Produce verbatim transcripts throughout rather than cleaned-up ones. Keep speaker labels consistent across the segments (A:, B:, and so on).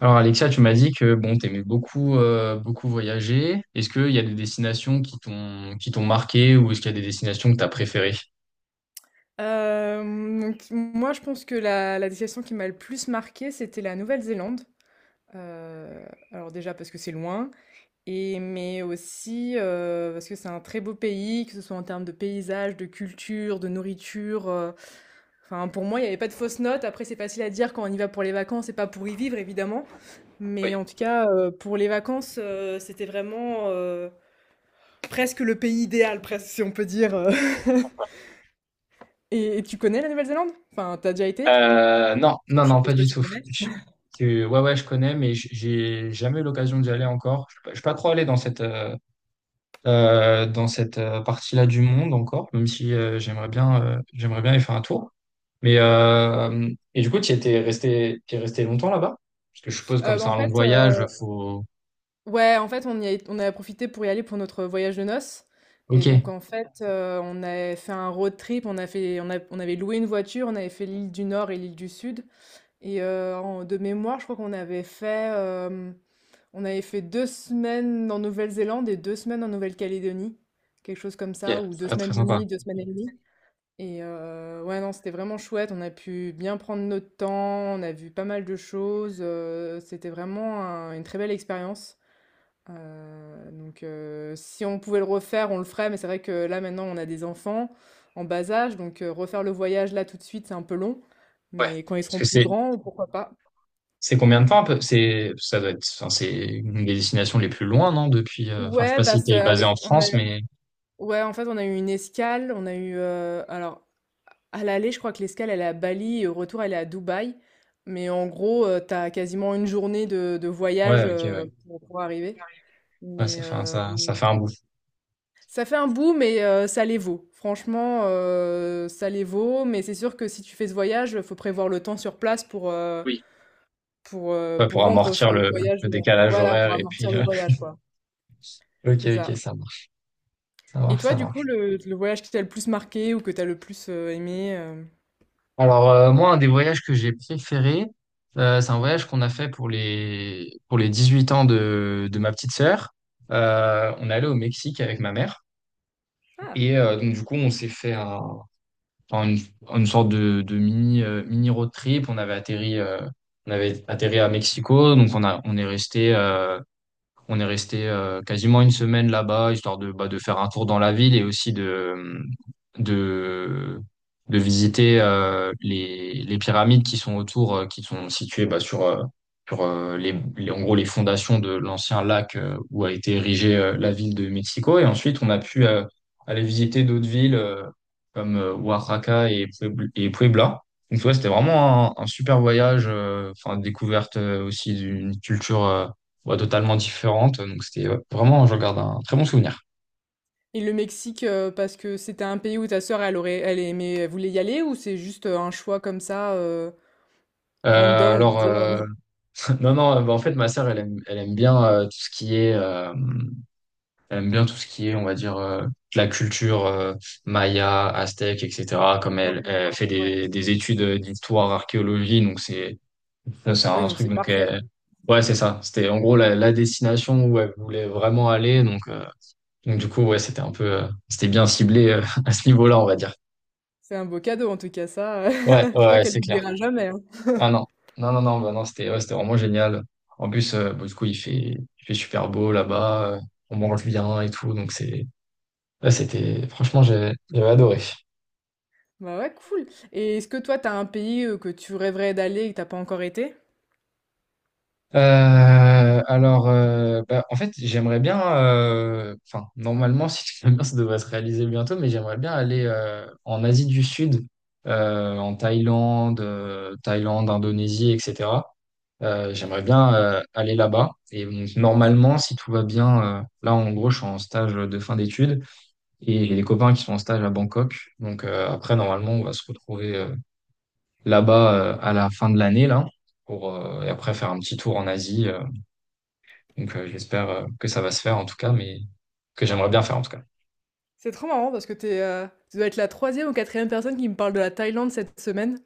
A: Alors Alexia, tu m'as dit que bon, t'aimais beaucoup euh, beaucoup voyager. Est-ce qu'il y a des destinations qui t'ont qui t'ont marqué, ou est-ce qu'il y a des destinations que t'as préférées?
B: Hem, donc moi, je pense que la la destination qui m'a le plus marquée, c'était la Nouvelle-Zélande. Heu, alors déjà parce que c'est loin et mais aussi, heu, parce que c'est un très beau pays, que ce soit en termes de paysages, de culture, de nourriture, heu, enfin pour moi, il n'y avait pas de fausses notes. Après, c'est facile à dire quand on y va pour les vacances et pas pour y vivre évidemment, mais
A: Oui.
B: en tout cas, heu, pour les vacances, heu, c'était vraiment, heu, presque le pays idéal, presque si on peut dire, heu et et tu connais la Nouvelle-Zélande? Enfin, t'as déjà été?
A: Euh, non,
B: Je
A: non, non, pas
B: suppose que
A: du
B: tu
A: tout.
B: connais.
A: Je- je- ouais, ouais, je connais, mais j- j'ai jamais eu l'occasion d'y aller encore. Je suis pas, je suis pas trop allé dans cette euh, euh, dans cette euh, partie-là du monde encore, même si euh, j'aimerais bien euh, j'aimerais bien y faire un tour. Mais euh, et du coup, tu étais resté, tu resté longtemps là-bas? Parce que je suppose, comme
B: Euh, bah,
A: c'est
B: en
A: un long
B: fait,
A: voyage,
B: euh,
A: faut.
B: ouais, en fait, on y a, on a profité pour y aller pour notre voyage de noces. Et donc,
A: Ok.
B: en fait, euh, on a fait un road trip, on a fait, on a- on avait loué une voiture, on avait fait l'île du Nord et l'île du Sud. Et euh, en- de mémoire, je crois qu'on avait fait, euh, on avait fait deux semaines en Nouvelle-Zélande et deux semaines en Nouvelle-Calédonie, quelque chose comme ça,
A: Ok,
B: ou deux
A: ah,
B: semaines
A: très
B: et
A: sympa.
B: demie, deux semaines et demie. Et heu, ouais, non, c'était vraiment chouette. On a pu bien prendre notre temps, on a vu pas mal de choses, heu, c'était vraiment un une très belle expérience. Heu, donc heu, si on pouvait le refaire, on le ferait, mais c'est vrai que là, maintenant, on a des enfants en bas âge, donc heu, refaire le voyage là, tout de suite, c'est un peu long,
A: Ouais.
B: mais quand ils
A: Parce
B: seront
A: que
B: plus
A: c'est
B: grands, pourquoi pas?
A: c'est combien de temps un peu? C'est Ça doit être. Enfin, c'est une des destinations les plus loin, non? Depuis... euh, Enfin, je sais
B: Ouais,
A: pas
B: bah,
A: si
B: c'est
A: t'es basé en
B: avec on a
A: France, mais
B: ouais, en fait, on a eu une escale, on a eu, heu, alors À l'aller, je crois que l'escale, elle est à Bali et au retour, elle est à Dubaï. Mais en gros, euh, t'as quasiment une journée de, de voyage
A: ouais, ok,
B: euh,
A: ouais.
B: pour, pour arriver.
A: Ouais,
B: Mais
A: ça fait un,
B: euh,
A: ça ça fait un bout.
B: Ça fait un bout, mais euh, ça les vaut. Franchement, euh, ça les vaut. Mais c'est sûr que si tu fais ce voyage, il faut prévoir le temps sur place pour, euh,
A: Oui.
B: pour, euh,
A: Ouais,
B: pour
A: pour
B: rendre ce
A: amortir le,
B: voyage,
A: le
B: euh,
A: décalage
B: voilà, pour
A: horaire et
B: amortir
A: puis...
B: le
A: euh,
B: voyage, quoi.
A: Ok,
B: C'est
A: ok,
B: ça.
A: ça marche, ça
B: Et
A: marche,
B: toi,
A: ça
B: du coup,
A: marche.
B: le, le voyage qui t'a le plus marqué ou que t'as le plus euh, aimé euh,
A: Alors, euh, moi, un des voyages que j'ai préféré, euh, c'est un voyage qu'on a fait pour les pour les dix-huit ans de de ma petite sœur. Euh, on est allé au Mexique avec ma mère.
B: Ah.
A: Et euh, donc du coup, on s'est fait un, enfin, une, une sorte de, de mini, euh, mini road trip. On avait atterri, euh, on avait atterri à Mexico. Donc on a, on est resté... euh, on est resté euh, quasiment une semaine là-bas, histoire de, bah, de faire un tour dans la ville, et aussi de, de, de visiter euh, les, les pyramides qui sont autour, euh, qui sont situées bah, sur, euh, sur euh, les, les- en gros, les fondations de l'ancien lac euh, où a été érigée euh, la ville de Mexico. Et ensuite, on a pu euh, aller visiter d'autres villes euh, comme euh, Oaxaca, et, Puebl- et Puebla. Donc ouais, c'était vraiment un, un super voyage, euh, enfin, découverte euh, aussi d'une culture, euh, ouais, totalement différente. Donc c'était, ouais, vraiment, je regarde un très bon souvenir.
B: Et le Mexique, euh, parce que c'était un pays où ta sœur, elle aurait, elle aimait, elle voulait y aller, ou c'est juste euh, un choix comme ça, euh,
A: Euh,
B: random, on va
A: alors
B: dire. euh,
A: euh, non, non, euh, bah en fait, ma sœur, elle aime elle aime bien euh, tout ce qui est euh, elle aime bien tout ce qui est, on va dire, euh, de la culture, euh, maya, aztèque, etc. Comme elle,
B: Ouais,
A: elle
B: d'accord.
A: fait
B: Ouais.
A: des, des études d'histoire, archéologie, donc c'est ça, c'est
B: Oui,
A: un
B: donc
A: truc.
B: c'est
A: Donc
B: parfait.
A: elle- ouais, c'est ça, c'était en gros la, la destination où elle voulait vraiment aller. Donc euh, donc du coup, ouais, c'était un peu, euh, c'était bien ciblé, euh à ce niveau-là, on va dire.
B: C'est un beau cadeau, en tout cas, ça. euh,
A: Ouais,
B: Je
A: ouais,
B: crois
A: ouais,
B: qu'elle
A: c'est clair.
B: n'oubliera jamais, hein.
A: Ah non, non, non, non, bah non, c'était, ouais, c'était vraiment génial. En plus, euh, bah du coup, il fait, il fait super beau là-bas, euh, on mange bien et tout, donc c'est, là, c'était, franchement, j'ai- j'avais adoré.
B: Bah ouais, cool. Et est-ce que toi, t'as un pays euh, que tu rêverais d'aller et que t'as pas encore été?
A: Euh, alors, euh, bah en fait, j'aimerais bien, euh, enfin, normalement, si tout va bien, ça devrait se réaliser bientôt, mais j'aimerais bien aller euh, en Asie du Sud, euh, en Thaïlande: euh, Thaïlande, Indonésie, et cetera. Euh, j'aimerais bien euh, aller là-bas. Et donc, normalement, si tout va bien, euh, là en gros, je suis en stage de fin d'études, et j'ai des copains qui sont en stage à Bangkok. Donc euh, après, normalement, on va se retrouver euh, là-bas, euh, à la fin de l'année, là, pour, euh, et après, faire un petit tour en Asie. euh. Donc, euh, j'espère euh, que ça va se faire, en tout cas, mais que j'aimerais bien faire, en tout cas.
B: C'est trop marrant parce que t'es, euh, tu dois être la troisième ou quatrième personne qui me parle de la Thaïlande cette semaine.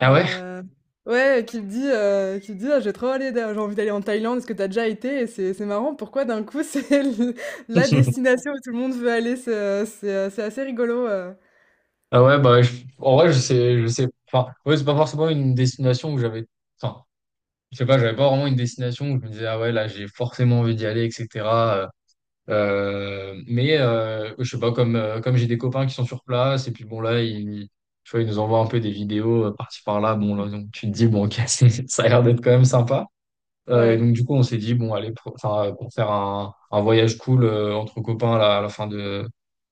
A: Ah ouais?
B: Heu, ouais, qui te dit, heu, qui te dit: «Ah j'ai trop aller da j'ai envie d'aller en Thaïlande, est-ce que t'as déjà été?» Et c'est c'est marrant pourquoi d'un coup c'est le la destination où tout le monde veut aller, c'est, heu, c'est, heu, c'est assez rigolo, heu,
A: Ah ouais, bah, je- en vrai, je sais, je sais. Enfin, ouais, c'est pas forcément une destination où j'avais... Enfin, je sais pas, j'avais pas vraiment une destination où je me disais, ah ouais, là, j'ai forcément envie d'y aller, et cetera. Euh, euh, mais euh, je sais pas, comme, euh, comme j'ai des copains qui sont sur place, et puis bon, là, ils, tu vois, ils nous envoient un peu des vidéos euh, par-ci par-là. Bon, là, donc, tu te dis, bon, ok, c'est- ça a l'air d'être quand même sympa. Euh, et
B: Ouais.
A: donc, du coup, on s'est dit, bon, allez, pour, enfin, euh, pour faire un, un voyage cool, euh, entre copains là, à la fin de,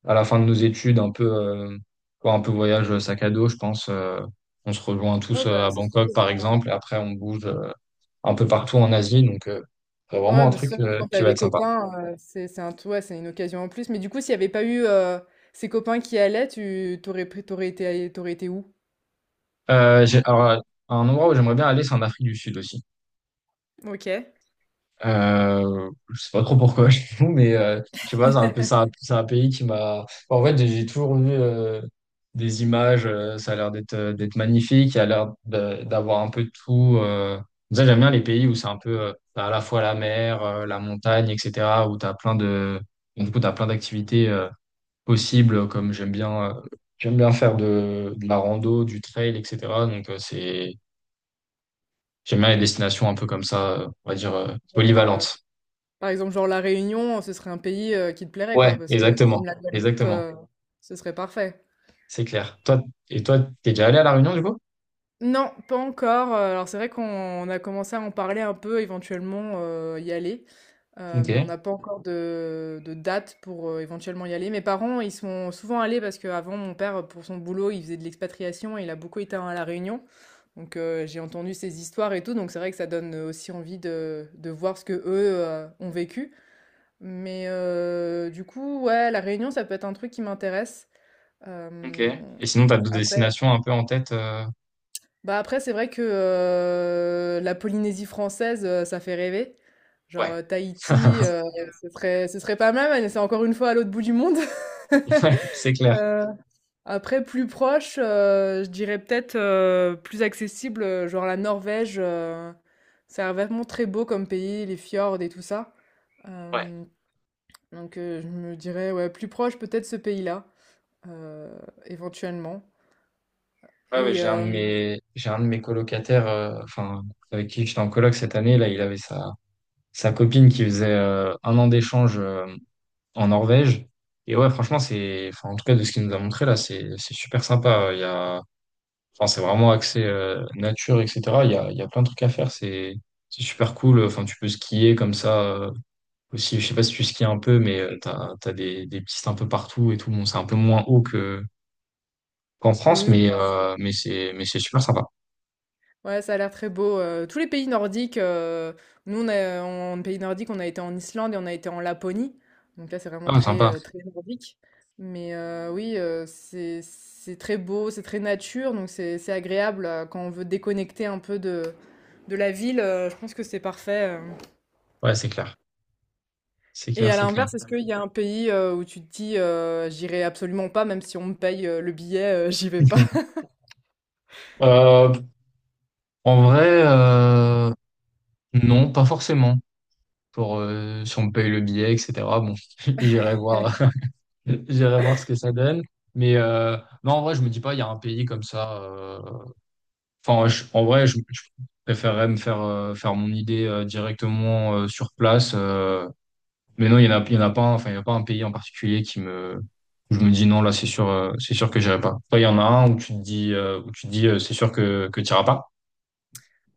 A: à la fin de nos études, un peu, euh, quoi, un peu voyage sac à dos, je pense. Euh, on se rejoint tous
B: Ouais,
A: euh,
B: bah,
A: à
B: c'est sûr
A: Bangkok,
B: que
A: par
B: quand
A: exemple, et après, on bouge un peu partout en Asie. Donc euh, c'est vraiment
B: Ouais,
A: un
B: bah, c'est
A: truc
B: sûr que
A: euh,
B: quand
A: qui
B: t'as
A: va
B: des
A: être sympa.
B: copains, heu, c'est c'est un tout ouais, c'est une occasion en plus. Mais du coup, s'il y avait pas eu, heu, ces copains qui allaient, tu t'aurais aurais pris tu été allé tu été où?
A: Euh, j'ai, alors, euh, un endroit où j'aimerais bien aller, c'est en Afrique du Sud aussi.
B: OK.
A: Euh, je sais pas trop pourquoi, je t'avoue, mais euh, je sais pas, c'est un peu, c'est un, c'est un pays qui m'a... En fait, j'ai j'ai toujours vu euh, des images. Euh, ça a l'air d'être euh, d'être magnifique. Il y a l'air de- d'avoir un peu de tout. Euh... Ça, j'aime bien les pays où c'est un peu euh, t'as à la fois la mer, euh, la montagne, et cetera. Où t'as plein de, du coup, t'as plein d'activités euh, possible, comme j'aime bien, euh, j'aime bien faire de, de la rando, du trail, et cetera. Donc euh, c'est, j'aime bien les destinations un peu comme ça, euh, on va dire, euh, polyvalentes.
B: Par exemple, genre La Réunion, ce serait un pays, heu, qui te plairait quoi?
A: Ouais,
B: Parce que
A: exactement,
B: même la Guadeloupe,
A: exactement,
B: heu, ce serait parfait.
A: c'est clair. Toi, et toi, t'es déjà allé à La Réunion, du coup?
B: Non, pas encore, heu, alors c'est vrai qu'on on a commencé à en parler un peu, éventuellement, heu, y aller, heu,
A: Ok,
B: mais on n'a pas encore de de date pour, heu, éventuellement y aller. Mes parents, ils sont souvent allés parce qu'avant mon père, pour son boulot, il faisait de l'expatriation et il a beaucoup été à La Réunion, donc heu, j'ai entendu ces histoires et tout, donc c'est vrai que ça donne, aussi envie de de voir ce qu'eux, heu, ont vécu, mais heu, du coup, ouais, La Réunion, ça peut être un truc qui m'intéresse.
A: ok.
B: Hem,
A: Et sinon, t'as d'autres
B: après
A: destinations un peu en tête? euh,
B: Bah, après, c'est vrai que, heu, la Polynésie française, heu, ça fait rêver. Genre,
A: Ouais,
B: heu, Tahiti, heu, ce serait ce serait pas mal, mais c'est encore une fois à l'autre bout du monde.
A: ouais, c'est clair.
B: Heu, Après plus proche, heu, je dirais peut-être, heu, plus accessible, heu, genre la Norvège, heu, ça vraiment très beau comme pays, les fjords et tout ça.
A: Ouais,
B: Hem, donc, heu, je me dirais, ouais, plus proche peut-être ce pays-là, heu, éventuellement
A: ouais, ouais,
B: et
A: j'ai un de
B: hem
A: mes, j'ai un de mes colocataires, euh, enfin, avec qui j'étais en coloc cette année, là, il avait sa, sa copine qui faisait euh, un an d'échange, euh, en Norvège. Et ouais, franchement, c'est, enfin, en tout cas, de ce qu'il nous a montré là, c'est, c'est super sympa. Il y a, enfin, c'est vraiment axé euh, nature, et cetera. Il y a, il y a plein de trucs à faire. C'est, c'est super cool. Enfin, tu peux skier comme ça euh, aussi. Je sais pas si tu skis un peu, mais euh, t'as, t'as des, des pistes un peu partout et tout. Bon, c'est un peu moins haut que qu'en France,
B: oui,
A: mais,
B: bah,
A: euh, mais c'est, mais c'est super sympa.
B: Ouais, ça a l'air très beau. Euh, tous les pays nordiques, euh, nous, on a, en pays nordique, on a été en Islande et on a été en Laponie. Donc là, c'est vraiment
A: Ah,
B: très,
A: sympa.
B: euh, très nordique. Mais euh, oui, euh, c'est, c'est très beau, c'est très nature, donc c'est, c'est agréable euh, quand on veut déconnecter un peu de, de la ville. euh, Je pense que c'est parfait. euh.
A: Ouais, c'est clair. C'est
B: Et
A: clair,
B: à
A: c'est clair.
B: l'inverse, est-ce qu'il y a un pays euh, où tu te dis, euh, j'irai absolument pas, même si on me paye euh, le billet, euh, j'y vais pas?
A: Euh, En vrai, euh, non, pas forcément. Pour euh, Si on me paye le billet, et cetera. Bon, j'irai voir, j'irai voir ce que ça donne. Mais euh, non, en vrai, je me dis pas il y a un pays comme ça. euh, Enfin, je- en vrai, je, je préférerais me faire euh, faire mon idée euh, directement euh, sur place. Euh, mais non, il y en a, il y en a pas. un- Enfin, il y a pas un pays en particulier qui me, où je me dis non, là, c'est sûr, euh, c'est sûr que j'irai pas. Toi, il y en a un où tu te dis, euh, où tu te dis, euh, c'est sûr que que t'iras pas.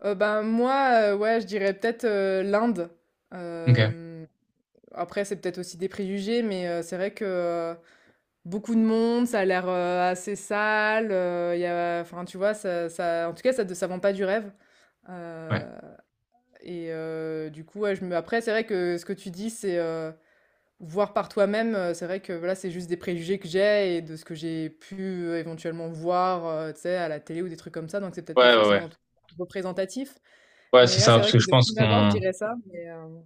B: Euh, ben moi, euh, ouais, je dirais peut-être euh, l'Inde.
A: Ok.
B: Euh, Après, c'est peut-être aussi des préjugés, mais heu, c'est vrai que, heu, beaucoup de monde, ça a l'air, heu, assez sale, heu, il y a enfin, tu vois? Ça ça en tout cas, ça de ça vend pas du rêve, heu
A: Ouais.
B: et heu, du coup, ouais, je me après, c'est vrai que ce que tu dis, c'est, heu, voir par toi-même, heu, c'est vrai que, voilà, c'est juste des préjugés que j'ai et de ce que j'ai pu, heu, éventuellement voir, heu, tu sais, à la télé ou des trucs comme ça, donc c'est peut-être pas
A: Ouais, ouais, ouais.
B: forcément tout représentatif,
A: Ouais, c'est
B: mais là,
A: ça,
B: c'est
A: parce
B: vrai
A: que
B: que
A: je
B: de
A: pense
B: prime abord, je
A: qu'on...
B: dirais ça, mais heu,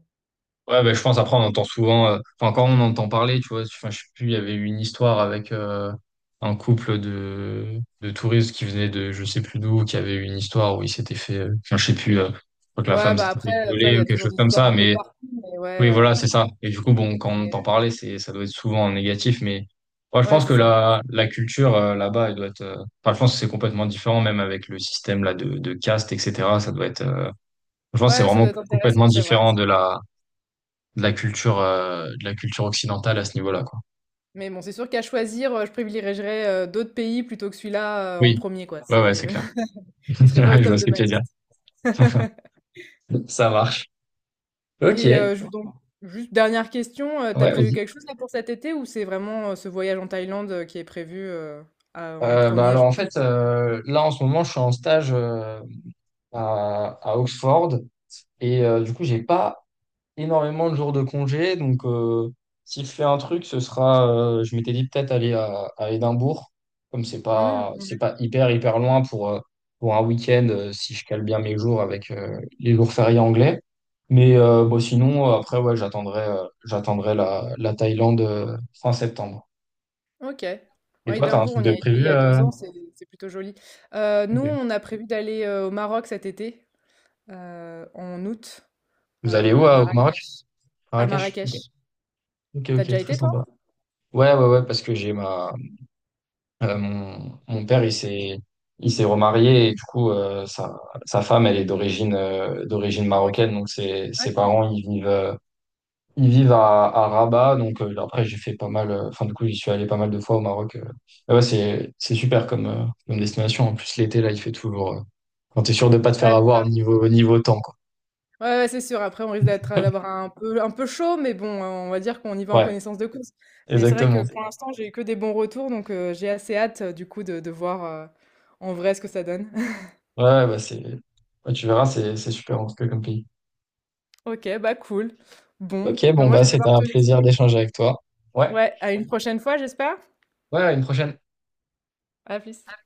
A: Ouais, bah, je pense, après, on entend souvent, euh, enfin, quand on entend parler, tu vois, enfin, je sais plus, il y avait eu une histoire avec euh, un couple de, de touristes qui venaient de je sais plus d'où, qui avait eu une histoire où il s'était fait, euh, enfin, je sais plus, euh, je crois que la
B: ouais,
A: femme
B: bah,
A: s'était fait
B: après, ça, il
A: violer
B: y
A: ou
B: a
A: quelque
B: toujours
A: chose
B: des
A: comme
B: histoires
A: ça,
B: un peu
A: mais
B: partout, mais ouais,
A: oui voilà,
B: heu
A: c'est ça. Et du coup, bon,
B: Mais
A: quand on entend
B: heu,
A: parler, c'est, ça doit être souvent en négatif, mais moi je
B: ouais,
A: pense
B: c'est
A: que
B: ça.
A: la, la culture euh, là-bas, elle doit être, euh, enfin, je pense que c'est complètement différent, même avec le système, là, de, de caste, et cetera. Ça doit être, euh, je pense que c'est
B: Ouais, ça
A: vraiment
B: doit être intéressant,
A: complètement
B: c'est vrai.
A: différent de la de la culture, euh, de la culture occidentale à ce niveau-là, quoi.
B: Mais bon, c'est sûr qu'à choisir, heu, je privilégierais, heu, d'autres pays plutôt que celui-là, heu, en
A: Oui.
B: premier quoi.
A: Ouais, ouais, c'est
B: C'est
A: clair.
B: il serait pas au
A: Ouais, je vois
B: top
A: ce
B: de
A: que
B: ma
A: tu veux dire.
B: liste.
A: Ça marche. Ok.
B: Et
A: Ouais,
B: heu, je donc juste dernière question, heu, tu prévu
A: vas-y.
B: quelque chose là pour cet été ou c'est vraiment, heu, ce voyage en Thaïlande, heu, qui est prévu, heu, à en
A: Euh, bah
B: premier
A: alors
B: je
A: en
B: me dis
A: fait, euh, là en ce moment, je suis en stage euh, à, à Oxford, et euh, du coup, j'ai pas énormément de jours de congé. Donc euh, si je fais un truc, ce sera, euh, je m'étais dit peut-être aller à, à Édimbourg, comme c'est
B: Mmh,
A: pas, c'est
B: oui.
A: pas hyper, hyper loin pour, euh, pour un week-end, euh, si je cale bien mes jours avec euh, les jours fériés anglais. Mais euh, bon, sinon, euh, après, ouais, j'attendrai, euh, j'attendrai la, la Thaïlande euh, fin septembre.
B: OK.
A: Et
B: Ouais,
A: toi, t'as un
B: Édimbourg,
A: truc
B: on
A: de
B: y a été il
A: prévu
B: y a deux
A: euh
B: ans, c'est c'est plutôt joli. Heu,
A: Ok.
B: nous, on a prévu d'aller, heu, au Maroc cet été, heu, en août, heu,
A: Vous allez où,
B: à
A: euh, au Maroc?
B: Marrakech. À
A: Marrakech? Ok,
B: Marrakech.
A: ok,
B: T'as
A: ok,
B: déjà
A: très
B: été toi?
A: sympa. Ouais, ouais, ouais, parce que j'ai ma... Euh, mon, mon père, il s'est, il s'est remarié, et du coup, euh, sa, sa femme, elle est d'origine euh, d'origine marocaine.
B: Marocaine?
A: Donc ses,
B: Ah
A: ses
B: cool.
A: parents, ils vivent, euh, ils vivent à, à Rabat. Donc euh, après, j'ai fait pas mal... euh, Enfin, du coup, j'y suis allé pas mal de fois au Maroc. euh. Mais ouais, c'est, c'est super comme, euh, comme destination. En plus, l'été, là, il fait toujours... euh, quand t'es sûr de pas te faire
B: Ouais, c'est
A: avoir
B: ça.
A: niveau, niveau, temps, quoi.
B: Ouais, ouais, c'est sûr. Après, on risque d'être euh, d'avoir un peu un peu chaud, mais bon, euh, on va dire qu'on y va en
A: Ouais,
B: connaissance de cause. Mais c'est vrai
A: exactement.
B: que pour l'instant, j'ai eu que des bons retours, donc euh, j'ai assez hâte euh, du coup de, de voir euh, en vrai ce que ça donne.
A: Ouais, ouais, bah c'est, ouais, tu verras, c'est, c'est super en tout cas comme pays.
B: Ok, bah cool. Bon,
A: Ok,
B: bah
A: bon,
B: moi
A: bah,
B: je vais
A: c'était
B: devoir
A: un
B: te laisser.
A: plaisir d'échanger avec toi. Ouais,
B: Ouais, à une prochaine fois, j'espère.
A: ouais, à une prochaine.
B: À plus.